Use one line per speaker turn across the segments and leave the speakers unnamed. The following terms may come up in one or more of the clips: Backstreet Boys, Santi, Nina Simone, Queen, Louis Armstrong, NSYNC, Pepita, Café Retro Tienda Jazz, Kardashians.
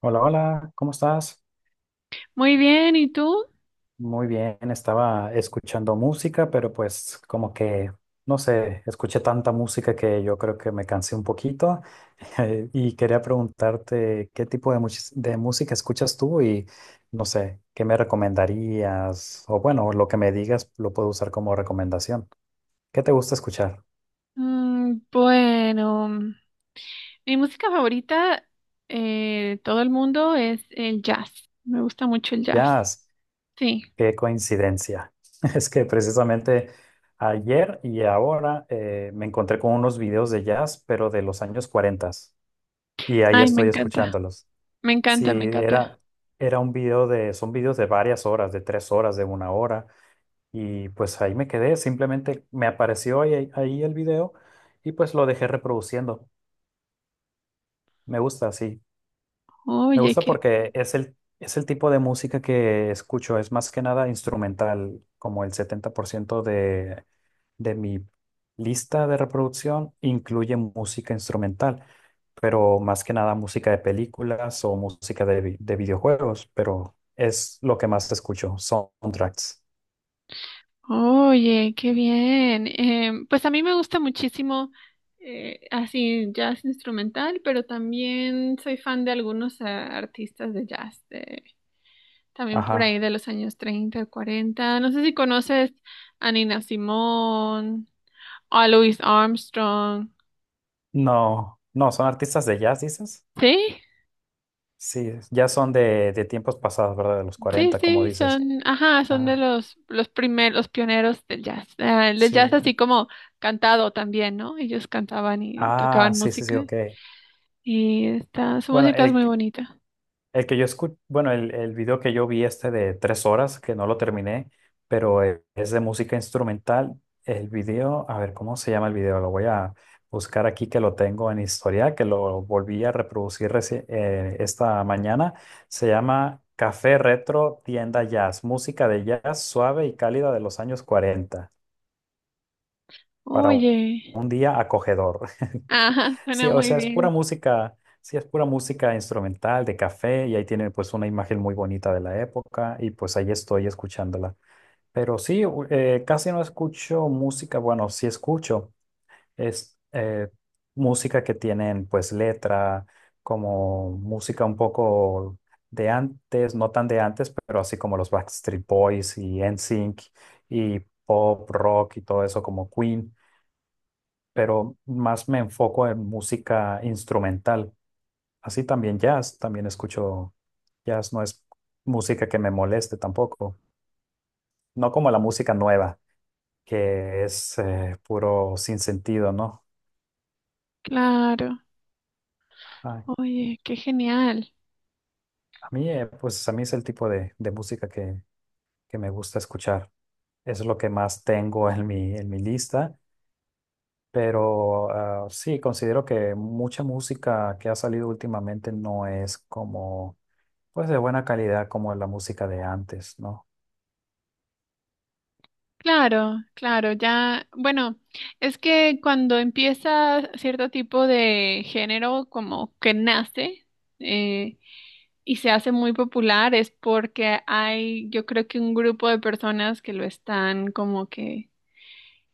Hola, hola, ¿cómo estás?
Muy bien, ¿y tú?
Muy bien, estaba escuchando música, pero pues como que, no sé, escuché tanta música que yo creo que me cansé un poquito y quería preguntarte qué tipo de música escuchas tú y no sé, qué me recomendarías o bueno, lo que me digas lo puedo usar como recomendación. ¿Qué te gusta escuchar?
Bueno, mi música favorita de todo el mundo es el jazz. Me gusta mucho el jazz.
Jazz.
Sí.
Qué coincidencia. Es que precisamente ayer y ahora me encontré con unos videos de jazz, pero de los años 40 y ahí
Ay, me
estoy
encanta.
escuchándolos.
Me
Sí,
encanta, me
era,
encanta.
era un video son videos de varias horas, de 3 horas, de una hora, y pues ahí me quedé, simplemente me apareció ahí el video y pues lo dejé reproduciendo. Me gusta, sí, me
Oye,
gusta
qué,
porque es el tipo de música que escucho, es más que nada instrumental, como el 70% de mi lista de reproducción incluye música instrumental, pero más que nada música de películas o música de videojuegos, pero es lo que más escucho, soundtracks.
oye, qué bien. Pues a mí me gusta muchísimo así jazz instrumental, pero también soy fan de algunos artistas de jazz. También por
Ajá.
ahí de los años 30, cuarenta. No sé si conoces a Nina Simone, a Louis Armstrong.
No, no, son artistas de jazz, dices.
Sí,
Sí, ya son de tiempos pasados, ¿verdad? De los
sí,
40 como
sí,
dices.
ajá, son de
Ah,
los primeros, los pioneros del jazz. El jazz
sí.
así como cantado también, ¿no? Ellos cantaban y
Ah,
tocaban
sí, sí, sí,
música.
ok.
Y esta, su
Bueno,
música es
el,
muy bonita.
El que yo escuché, bueno, el video que yo vi este de 3 horas, que no lo terminé, pero es de música instrumental. El video, a ver, ¿cómo se llama el video? Lo voy a buscar aquí que lo tengo en historia, que lo volví a reproducir esta mañana. Se llama Café Retro Tienda Jazz, música de jazz suave y cálida de los años 40 para un
Oye,
un día acogedor.
ajá, suena
Sí, o
muy
sea, es pura
bien.
música, sí, es pura música instrumental de café y ahí tiene pues una imagen muy bonita de la época y pues ahí estoy escuchándola. Pero sí, casi no escucho música, bueno, sí escucho, es música que tienen pues letra, como música un poco de antes, no tan de antes, pero así como los Backstreet Boys y NSYNC y pop, rock y todo eso como Queen, pero más me enfoco en música instrumental. Así también jazz, también escucho jazz, no es música que me moleste tampoco, no como la música nueva, que es puro sin sentido, ¿no?
Claro.
Ay,
Oye, qué genial.
a mí, pues a mí es el tipo de música que me gusta escuchar. Es lo que más tengo en mi lista, pero sí, considero que mucha música que ha salido últimamente no es como, pues de buena calidad como la música de antes, ¿no?
Claro, claro, ya, bueno, es que cuando empieza cierto tipo de género como que nace eh, y se hace muy popular es porque hay, yo creo que un grupo de personas que lo están como que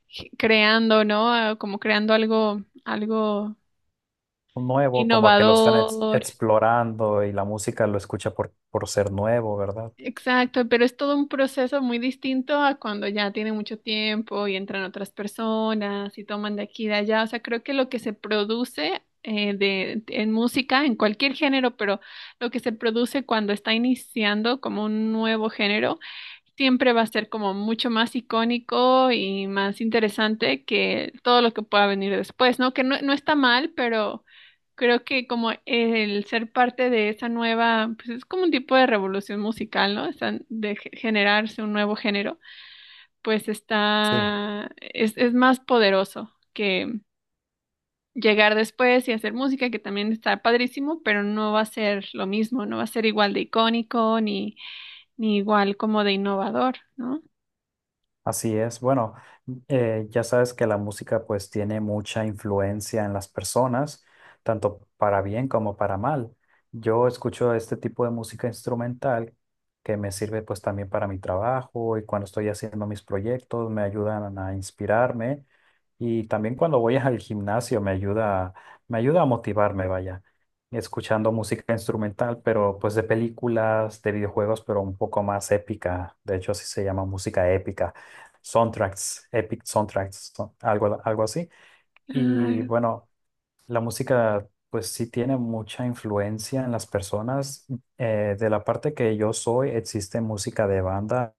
creando, ¿no? Ah, como creando algo, algo
Nuevo, como que lo están
innovador.
explorando y la música lo escucha por ser nuevo, ¿verdad?
Exacto, pero es todo un proceso muy distinto a cuando ya tiene mucho tiempo y entran otras personas y toman de aquí y de allá. O sea, creo que lo que se produce en música, en cualquier género, pero lo que se produce cuando está iniciando como un nuevo género, siempre va a ser como mucho más icónico y más interesante que todo lo que pueda venir después, ¿no? Que no está mal, pero... Creo que como el ser parte de esa nueva, pues es como un tipo de revolución musical, ¿no? Están de generarse un nuevo género, pues
Sí.
es más poderoso que llegar después y hacer música, que también está padrísimo, pero no va a ser lo mismo, no va a ser igual de icónico ni, ni igual como de innovador, ¿no?
Así es. Bueno, ya sabes que la música pues tiene mucha influencia en las personas, tanto para bien como para mal. Yo escucho este tipo de música instrumental que me sirve pues también para mi trabajo y cuando estoy haciendo mis proyectos me ayudan a inspirarme y también cuando voy al gimnasio me ayuda a motivarme, vaya, escuchando música instrumental, pero pues de películas, de videojuegos, pero un poco más épica. De hecho, así se llama música épica soundtracks, epic soundtracks, algo así. Y
Ah,
bueno, la música pues sí tiene mucha influencia en las personas. De la parte que yo soy, existe música de banda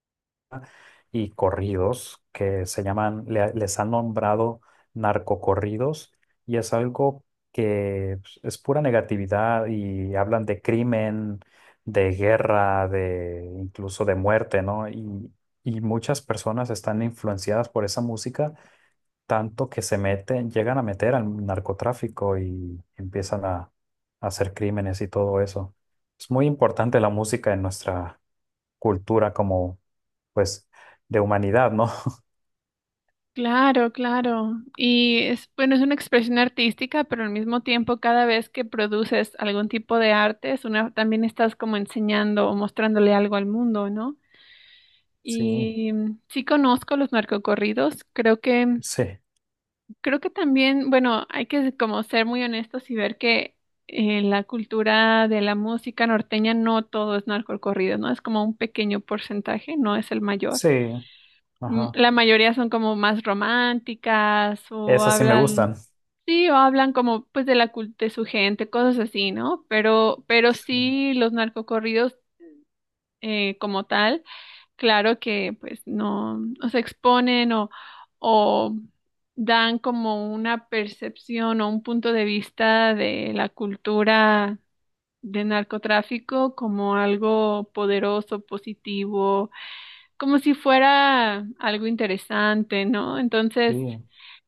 y corridos que se llaman, les han nombrado narcocorridos y es algo que pues, es pura negatividad y hablan de crimen, de guerra, de incluso de muerte, ¿no? Y muchas personas están influenciadas por esa música, tanto que se meten, llegan a meter al narcotráfico y empiezan a hacer crímenes y todo eso. Es muy importante la música en nuestra cultura como, pues, de humanidad, ¿no?
claro, claro. Y es, bueno, es una expresión artística, pero al mismo tiempo cada vez que produces algún tipo de arte, también estás como enseñando o mostrándole algo al mundo, ¿no?
Sí,
Y sí conozco los narcocorridos,
sí,
creo que también, bueno, hay que como ser muy honestos y ver que en la cultura de la música norteña no todo es narcocorrido, ¿no? Es como un pequeño porcentaje, no es el mayor.
sí, ajá.
La mayoría son como más románticas o
Esas sí me
hablan,
gustan.
sí, o hablan como pues de de su gente, cosas así, ¿no? Pero
Sí,
sí los narcocorridos como tal, claro que pues no, o se exponen o dan como una percepción o un punto de vista de la cultura de narcotráfico como algo poderoso, positivo, como si fuera algo interesante, ¿no?
sí,
Entonces,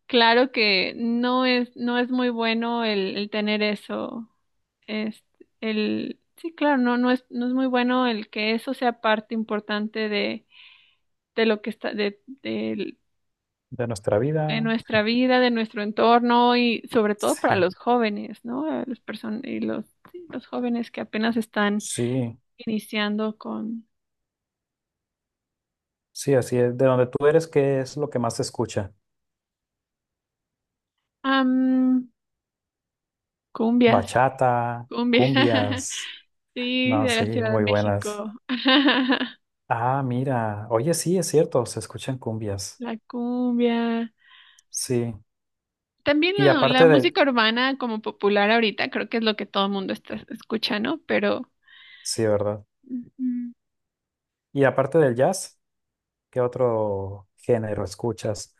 claro que no es, no es muy bueno el tener eso, es sí, claro, no es, no es muy bueno el que eso sea parte importante de lo que está, de,
de nuestra
de
vida.
nuestra vida, de nuestro entorno y sobre todo para
Sí,
los jóvenes, ¿no? A las personas y los, sí, los jóvenes que apenas están
sí,
iniciando con,
sí, así es. De donde tú eres, ¿qué es lo que más se escucha?
am, cumbias,
Bachata,
cumbias.
cumbias.
Sí,
No,
de
sí,
la Ciudad de
muy buenas.
México.
Ah, mira. Oye, sí, es cierto, se escuchan cumbias.
La cumbia.
Sí.
También
Y
la
aparte del,
música urbana como popular ahorita, creo que es lo que todo el mundo está escuchando, pero...
sí, ¿verdad?
Ujú.
Y aparte del jazz, ¿qué otro género escuchas?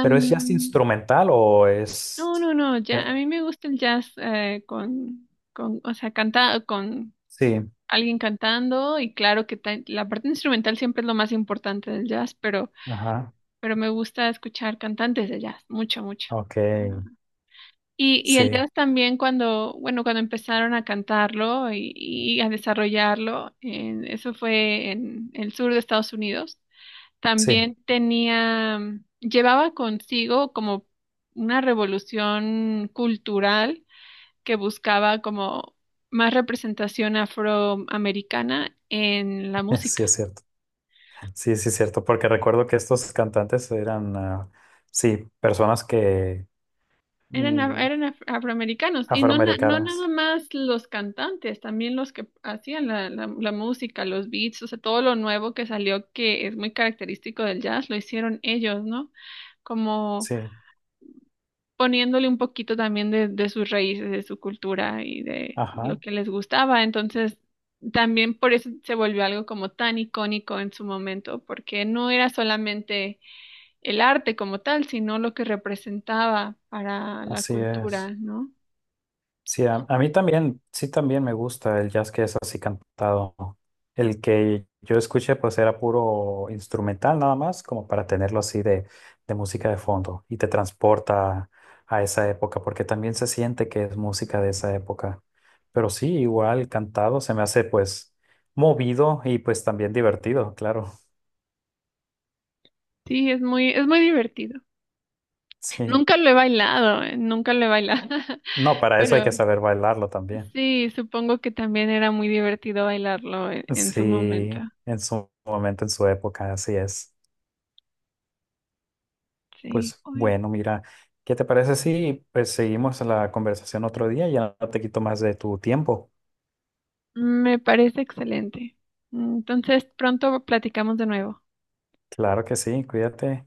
¿Pero es jazz instrumental o es...?
no, no, no, ya, a
Ya.
mí me gusta el jazz con, o sea, cantado, con
Sí,
alguien cantando y claro que la parte instrumental siempre es lo más importante del jazz,
ajá,
pero me gusta escuchar cantantes de jazz, mucho, mucho.
ok,
Y el
sí,
jazz también cuando, bueno, cuando empezaron a cantarlo y a desarrollarlo, eso fue en el sur de Estados Unidos,
sí,
también tenía, llevaba consigo como una revolución cultural que buscaba como más representación afroamericana en la
sí
música.
es cierto, sí, sí es cierto, porque recuerdo que estos cantantes eran, ah, sí, personas que... Mm,
Afroamericanos y no nada
afroamericanos,
más los cantantes, también los que hacían la música, los beats, o sea, todo lo nuevo que salió que es muy característico del jazz, lo hicieron ellos, ¿no? Como
sí,
poniéndole un poquito también de sus raíces, de su cultura y de lo
ajá,
que les gustaba. Entonces, también por eso se volvió algo como tan icónico en su momento, porque no era solamente el arte como tal, sino lo que representaba para la
así
cultura,
es.
¿no?
Sí, a mí también, sí también me gusta el jazz que es así cantado. El que yo escuché pues era puro instrumental nada más, como para tenerlo así de música de fondo y te transporta a esa época, porque también se siente que es música de esa época. Pero sí, igual cantado se me hace pues movido y pues también divertido, claro.
Sí, es muy divertido.
Sí,
Nunca lo he bailado, nunca lo he bailado,
no, para eso hay
pero
que saber bailarlo también.
sí, supongo que también era muy divertido bailarlo en su momento.
Sí, en su momento, en su época, así es.
Sí.
Pues
Uy,
bueno, mira, ¿qué te parece si pues seguimos la conversación otro día? Ya no te quito más de tu tiempo.
me parece excelente. Entonces, pronto platicamos de nuevo.
Claro que sí, cuídate.